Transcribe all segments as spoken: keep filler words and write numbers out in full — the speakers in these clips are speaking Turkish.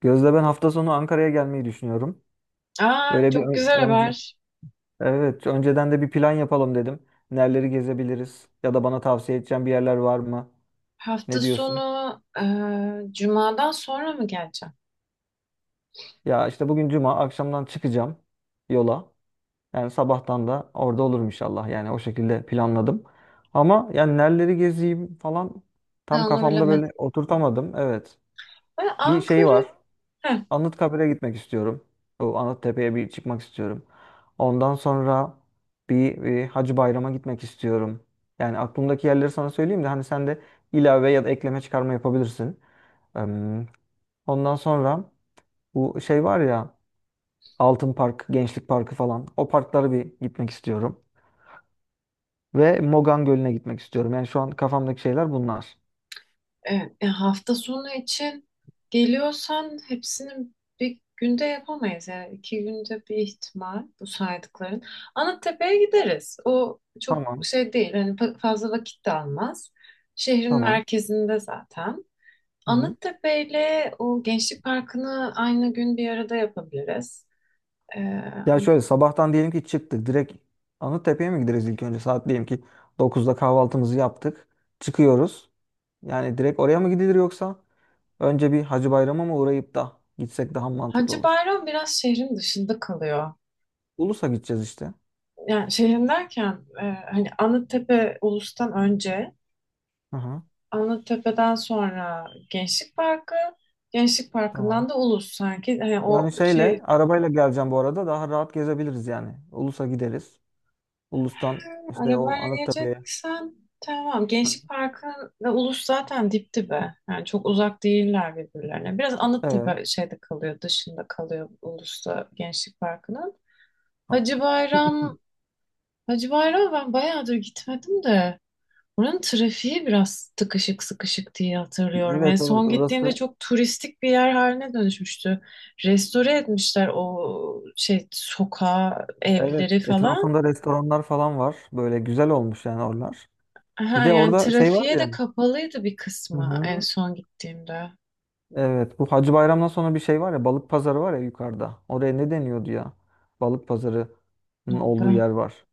Gözde, ben hafta sonu Ankara'ya gelmeyi düşünüyorum. Aa, Böyle bir çok güzel ö- önce, haber. evet, önceden de bir plan yapalım dedim. Nereleri gezebiliriz ya da bana tavsiye edeceğin bir yerler var mı? Ne Hafta diyorsun? sonu e, Cuma'dan sonra mı geleceğim? Ya işte bugün cuma akşamdan çıkacağım yola. Yani sabahtan da orada olurum inşallah. Yani o şekilde planladım. Ama yani nereleri gezeyim falan Ben tam onu kafamda bilemedim. böyle oturtamadım. Evet. Ben Bir şey Ankara. var. Heh, Anıtkabir'e gitmek istiyorum. Bu Anıttepe'ye bir çıkmak istiyorum. Ondan sonra bir, bir Hacı Bayram'a gitmek istiyorum. Yani aklımdaki yerleri sana söyleyeyim de hani sen de ilave ya da ekleme çıkarma yapabilirsin. Em, Ondan sonra bu şey var ya, Altın Park, Gençlik Parkı falan, o parklara bir gitmek istiyorum. Ve Mogan Gölü'ne gitmek istiyorum. Yani şu an kafamdaki şeyler bunlar. evet. E, hafta sonu için geliyorsan hepsini bir günde yapamayız. Yani iki günde bir ihtimal bu saydıkların. Anıttepe'ye gideriz. O çok Tamam, şey değil. Hani fa- fazla vakit de almaz. Şehrin tamam. merkezinde zaten. Hı hı. Anıttepe ile o Gençlik Parkı'nı aynı gün bir arada yapabiliriz. Ya şöyle sabahtan diyelim ki çıktık. Direkt Anıttepe'ye mi gideriz ilk önce? Saat diyelim ki dokuzda kahvaltımızı yaptık. Çıkıyoruz. Yani direkt oraya mı gidilir, yoksa önce bir Hacı Bayram'a mı uğrayıp da gitsek daha mantıklı Hacı olur. Bayram biraz şehrin dışında kalıyor. Ulus'a gideceğiz işte. Yani şehrin derken e, hani Anıttepe Ulus'tan önce, Hı hı, Anıttepe'den sonra Gençlik Parkı, Gençlik tamam. Parkı'ndan da Ulus sanki. Hani o Yani şey şeyle, arabayla geleceğim bu arada, daha rahat gezebiliriz yani. Ulus'a gideriz. Ulus'tan işte o arabayla Anıttepe'ye. geleceksen tamam. Hı. Gençlik Parkı ve Ulus zaten dip dibe. Yani çok uzak değiller birbirlerine. Biraz Evet. Anıttepe şeyde kalıyor, dışında kalıyor Ulus'ta Gençlik Parkı'nın. Tamam. Hacı Bayram Hacı Bayram ben bayağıdır gitmedim de. Buranın trafiği biraz tıkışık sıkışık diye hatırlıyorum. En Evet, evet, son gittiğimde orası. çok turistik bir yer haline dönüşmüştü. Restore etmişler o şey sokağı, Evet, evleri falan. etrafında restoranlar falan var. Böyle güzel olmuş yani oralar. Bir Ha, de yani orada şey var trafiğe ya. de kapalıydı bir Hı kısmı en hı. son gittiğimde. Evet, bu Hacı Bayram'dan sonra bir şey var ya, balık pazarı var ya yukarıda. Oraya ne deniyordu ya? Balık pazarının olduğu Onda. yer var.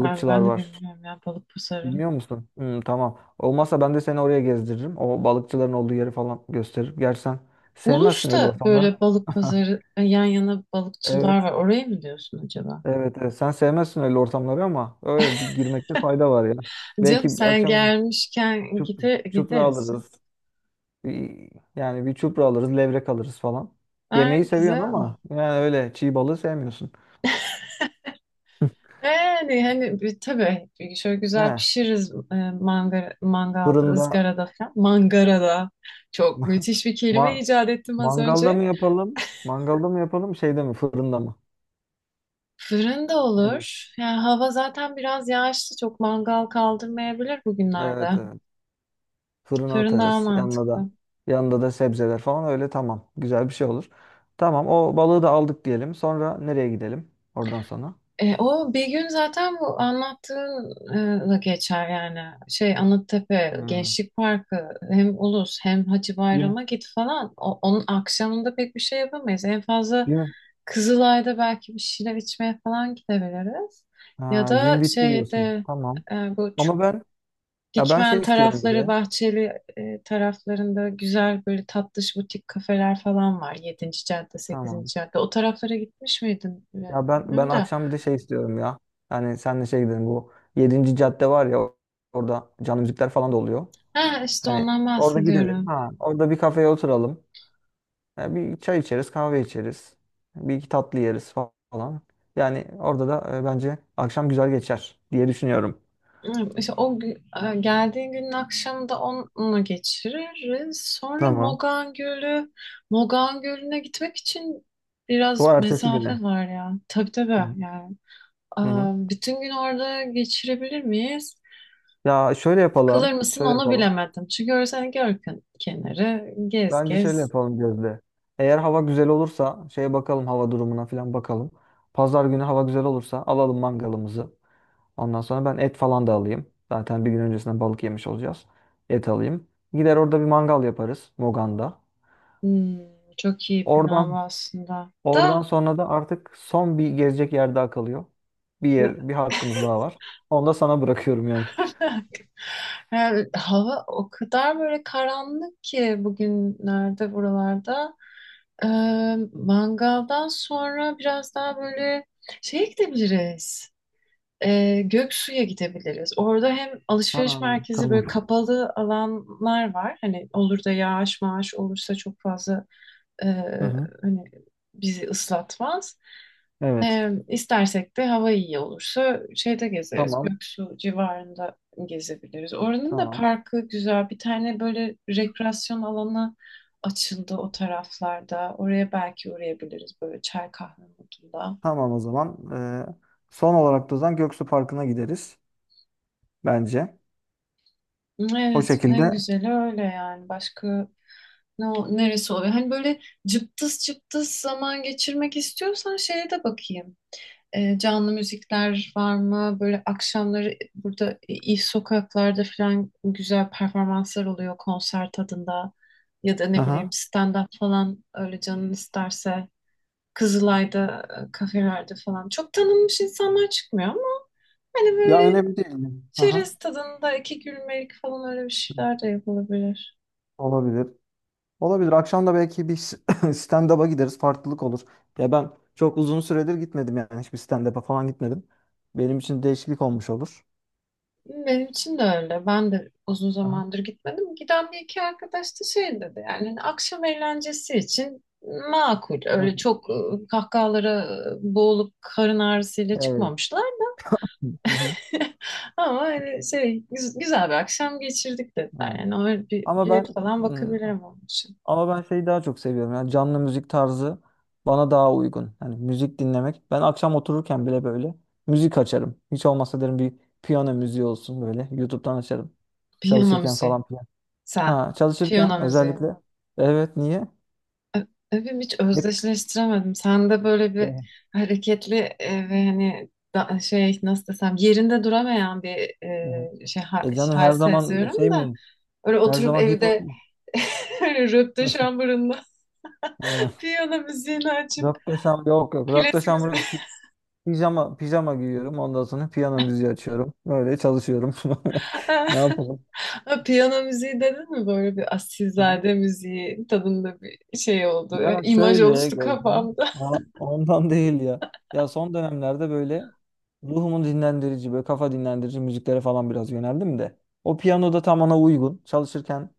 Abi ben de var. bilmiyorum ya balık pazarı. Bilmiyor musun? Hı, tamam. Olmazsa ben de seni oraya gezdiririm. O balıkçıların olduğu yeri falan gösteririm. Gerçi sen sevmezsin öyle Ulus'ta ortamları. böyle balık pazarı yan yana balıkçılar Evet, var. Orayı mı diyorsun acaba? evet, evet. Sen sevmezsin öyle ortamları ama öyle bir girmekte fayda var ya. Canım Belki sen akşam için gelmişken çup, gide, çupra gideriz. alırız. Bir- Yani bir çupra alırız, levrek alırız falan. Ha, Yemeği seviyorsun güzel. ama yani öyle çiğ balığı sevmiyorsun. Yani hani bir- tabii şöyle He, güzel pişiririz e, mangara, mangalda, fırında. ızgarada falan. Mangarada çok müthiş bir kelime ma icat ettim az Mangalda önce. mı yapalım? Mangalda mı yapalım? Şeyde mi? Fırında mı? Fırında Ne bileyim. olur. Yani hava zaten biraz yağışlı. Çok mangal kaldırmayabilir bugünlerde. Evet, evet. Fırına Fırın daha atarız. Yanında da mantıklı. yanında da sebzeler falan, öyle, tamam. Güzel bir şey olur. Tamam, o balığı da aldık diyelim. Sonra nereye gidelim? Oradan sonra. E, o bir gün zaten bu anlattığınla geçer yani. Şey Anıttepe, Hmm. Gençlik Parkı hem Ulus hem Hacı Gün Bayram'a git falan. O- onun akşamında pek bir şey yapamayız. En fazla gün Kızılay'da belki bir şeyler içmeye falan gidebiliriz. Ya ha, gün da bitti diyorsun. şeyde Tamam. e, bu Ç- Ama ben, ya ben şey Dikmen istiyorum bir tarafları, de. Bahçeli e, taraflarında güzel böyle tatlış butik kafeler falan var. yedinci cadde, Tamam. sekizinci cadde. O taraflara gitmiş miydin? Ya ben ben Bilmiyorum da. akşam bir de şey istiyorum ya. Yani senle şey gidelim, bu Yedinci cadde var ya, orada canlı müzikler falan da oluyor. Ha, işte Hani ondan orada gidelim. bahsediyorum. Ha, orada bir kafeye oturalım. Ya bir çay içeriz, kahve içeriz. Bir iki tatlı yeriz fa- falan. Yani orada da e, bence akşam güzel geçer diye düşünüyorum. Evet, İşte o gü- e, geldiğin günün akşamı da onunla geçiririz. Sonra Tamam. Mogan Gölü, Mogan Gölü'ne gitmek için Bu biraz ertesi güne. mesafe var ya. Tabii tabii Hı hı. yani. Hı hı. Aa, bütün gün orada geçirebilir miyiz? Ya şöyle Sıkılır yapalım. mısın Şöyle onu yapalım. bilemedim. Çünkü orası hani göl ken- kenarı, gez Bence şöyle gez. yapalım, Gözde. Eğer hava güzel olursa şeye bakalım, hava durumuna falan bakalım. Pazar günü hava güzel olursa alalım mangalımızı. Ondan sonra ben et falan da alayım. Zaten bir gün öncesinden balık yemiş olacağız. Et alayım. Gider, orada bir mangal yaparız Mogan'da. Hmm, çok iyi plan Oradan aslında. oradan Da sonra da artık son bir gezecek yer daha kalıyor. Bir yer, bir hakkımız daha var. Onu da sana bırakıyorum yani. yani hava o kadar böyle karanlık ki bugünlerde buralarda. Ee, mangaldan sonra biraz daha böyle şeye gidebiliriz. Ee, Göksu'ya gidebiliriz. Orada hem Ha, alışveriş merkezi böyle tamam. kapalı alanlar var. Hani olur da yağış maaş olursa çok fazla e, Hı hı. hani bizi ıslatmaz. Evet. E, istersek de hava iyi olursa şeyde gezeriz. Tamam. Göksu civarında gezebiliriz. Oranın da Tamam. parkı güzel. Bir tane böyle rekreasyon alanı açıldı o taraflarda. Oraya belki uğrayabiliriz böyle çay kahve modunda. Tamam o zaman. Ee, son olarak da o zaman Göksu Parkı'na gideriz bence. O Evet, en şekilde. güzeli öyle yani. Başka ne o- neresi oluyor? Hani böyle cıptız cıptız zaman geçirmek istiyorsan şeye de bakayım. E, canlı müzikler var mı? Böyle akşamları burada iyi sokaklarda falan güzel performanslar oluyor konser tadında. Ya da ne bileyim Aha. stand-up falan öyle canın isterse. Kızılay'da, e, kafelerde falan. Çok tanınmış insanlar çıkmıyor ama hani Ya böyle önemli değil. Aha. çerez tadında iki gülmelik falan öyle bir şeyler de yapılabilir. Olabilir. Olabilir. Akşam da belki bir s- stand-up'a gideriz. Farklılık olur. Ya ben çok uzun süredir gitmedim yani. Hiçbir stand-up'a falan gitmedim. Benim için değişiklik olmuş olur. Benim için de öyle. Ben de uzun Aha. zamandır gitmedim. Giden bir iki arkadaş da şey dedi yani hani akşam eğlencesi için makul. Hı Öyle hı. çok e, kahkahalara e, boğulup karın ağrısıyla Evet. çıkmamışlar. Hı hı. Ama hani şey güz- güzel bir akşam geçirdik dediler. Evet. Yani öyle bir Ama ben bilet falan ıı, bakabilirim onun için. Ama ben şeyi daha çok seviyorum. Yani canlı müzik tarzı bana daha uygun. Yani müzik dinlemek. Ben akşam otururken bile böyle müzik açarım. Hiç olmazsa derim, bir piyano müziği olsun böyle. YouTube'dan açarım. Piyano Çalışırken müziği. falan filan. Sen. Ha, Piyano çalışırken müziği. özellikle. Evet, niye? Ö- Övüm hiç Hep, özdeşleştiremedim. Sen de böyle bir e, hareketli e, ve hani da- şey nasıl desem yerinde duramayan bir hı hı. e, şey ha- E canım, hal her zaman seziyorum şey da mi? öyle Her oturup zaman hip hop evde mu? öyle röpte şambarında Ha, piyano müziğini açıp rap desem yok yok. Rap klasik desem müziği yok. Pijama pijama giyiyorum. Ondan sonra piyano müziği açıyorum. Böyle çalışıyorum. Ne yapalım? Ha, piyano müziği dedin mi böyle bir asilzade müziği tadında bir şey oldu. Ya İmaj şöyle oluştu Gözde, kafamda. ha, ondan değil ya. Ya son dönemlerde böyle ruhumun dinlendirici, böyle kafa dinlendirici müziklere falan biraz yöneldim de. O piyano da tam ona uygun. Çalışırken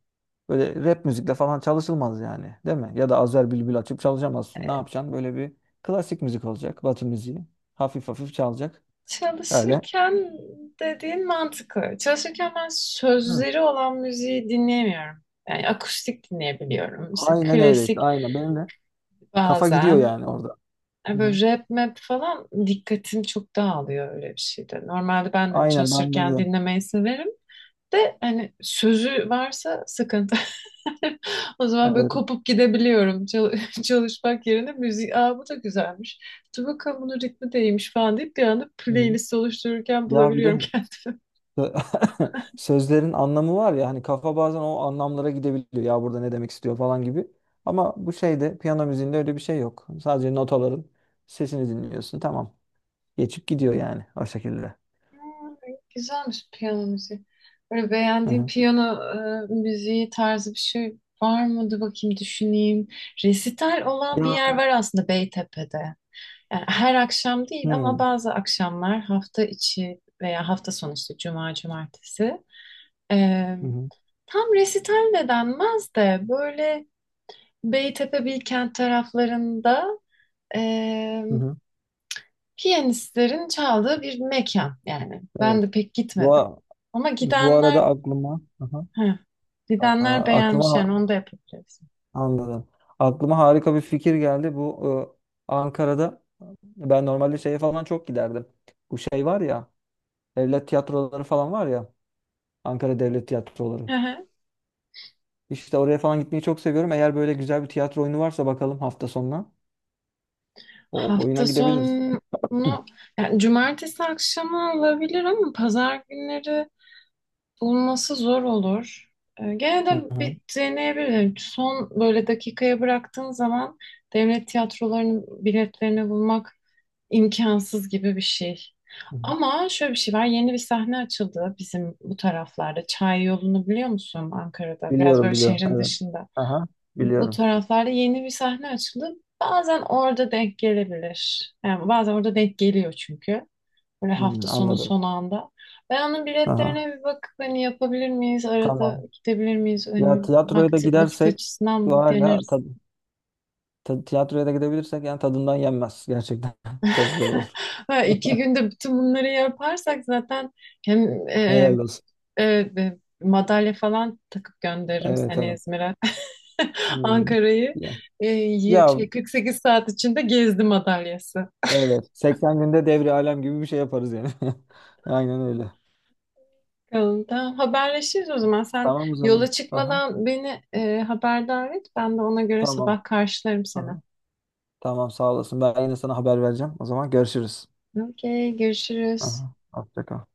böyle rap müzikle falan çalışılmaz yani. Değil mi? Ya da Azer Bülbül açıp çalışamazsın. Ne yapacaksın? Böyle bir klasik müzik olacak. Batı müziği. Hafif hafif çalacak. Öyle. Çalışırken dediğin mantıklı. Çalışırken ben Hı. sözleri olan müziği dinleyemiyorum. Yani akustik dinleyebiliyorum. İşte Aynen öyle işte. klasik Aynen. Benim de kafa gidiyor bazen. yani orada. Yani Hı hı. böyle rap map falan dikkatim çok dağılıyor öyle bir şeyde. Normalde ben de Aynen bende çalışırken de. dinlemeyi severim. De hani sözü varsa sıkıntı. O zaman böyle Evet. kopup gidebiliyorum. Çal- çalışmak yerine müzik. Aa, bu da güzelmiş. Dur bakalım bunun ritmi değilmiş falan deyip bir anda Hı hı. playlist oluştururken Ya bir bulabiliyorum de kendimi. Sö- sözlerin anlamı var ya, hani kafa bazen o anlamlara gidebiliyor. Ya burada ne demek istiyor falan gibi. Ama bu şeyde, piyano müziğinde, öyle bir şey yok. Sadece notaların sesini dinliyorsun. Tamam. Geçip gidiyor yani o şekilde. Hmm, güzelmiş piyano müziği. Böyle Hı beğendiğin hı. piyano e, müziği tarzı bir şey var mıydı bakayım düşüneyim. Resital olan bir Ya. yer var aslında Beytepe'de. Yani her akşam değil ama Hı bazı akşamlar hafta içi veya hafta sonu işte cuma cumartesi. E, hı. tam resital de denmez de böyle Beytepe Bilkent taraflarında Hı hı. piyanistlerin çaldığı bir mekan yani. Ben Evet. de pek Bu, gitmedim. a- Ama bu gidenler arada aklıma, hı hı. heh, Aa, gidenler beğenmiş aklıma, yani onu da yapabiliriz. anladım. Aklıma harika bir fikir geldi. Bu e, Ankara'da ben normalde şeye falan çok giderdim. Bu şey var ya, devlet tiyatroları falan var ya. Ankara Devlet Tiyatroları. Hı hı. İşte oraya falan gitmeyi çok seviyorum. Eğer böyle güzel bir tiyatro oyunu varsa bakalım hafta sonuna. O oyuna Hafta gidebiliriz. sonu Hı. yani cumartesi akşamı olabilir ama pazar günleri bulması zor olur. Ee, gene de Hı hı. Hı. bir deneyebilirim. Son böyle dakikaya bıraktığın zaman devlet tiyatrolarının biletlerini bulmak imkansız gibi bir şey. Hı. Ama şöyle bir şey var. Yeni bir sahne açıldı bizim bu taraflarda. Çay yolunu biliyor musun Ankara'da? Biraz Biliyorum, böyle biliyorum. şehrin Evet. dışında. Aha, Bu biliyorum. taraflarda yeni bir sahne açıldı. Bazen orada denk gelebilir. Yani bazen orada denk geliyor çünkü. Böyle Hmm, hafta sonu anladım. son anda. Ben onun Aha, biletlerine bir bakıp hani yapabilir miyiz? Arada tamam. gidebilir miyiz? Ya Hani tiyatroya da vakti, vakit gidersek, açısından bir var ya, ta- deneriz. ta- tiyatroya da gidebilirsek, yani tadından yenmez gerçekten. Çok güzel olur. Ha, iki günde bütün bunları yaparsak zaten hem e, Helal olsun. e, e, madalya falan takıp gönderirim Evet, seni evet. İzmir'e. Hmm. Ankara'yı Ya, e, yir- ya şey, kırk sekiz saat içinde gezdi madalyası. evet, seksen günde devri alem gibi bir şey yaparız yani. Aynen öyle. Bakalım, tamam, haberleşiriz o zaman. Sen Tamam o zaman. yola Aha, çıkmadan beni e, haberdar et. Ben de ona göre tamam. sabah karşılarım seni. Aha, tamam, sağ olasın. Ben yine sana haber vereceğim. O zaman görüşürüz. Okey, görüşürüz. Aha, hoşça kal.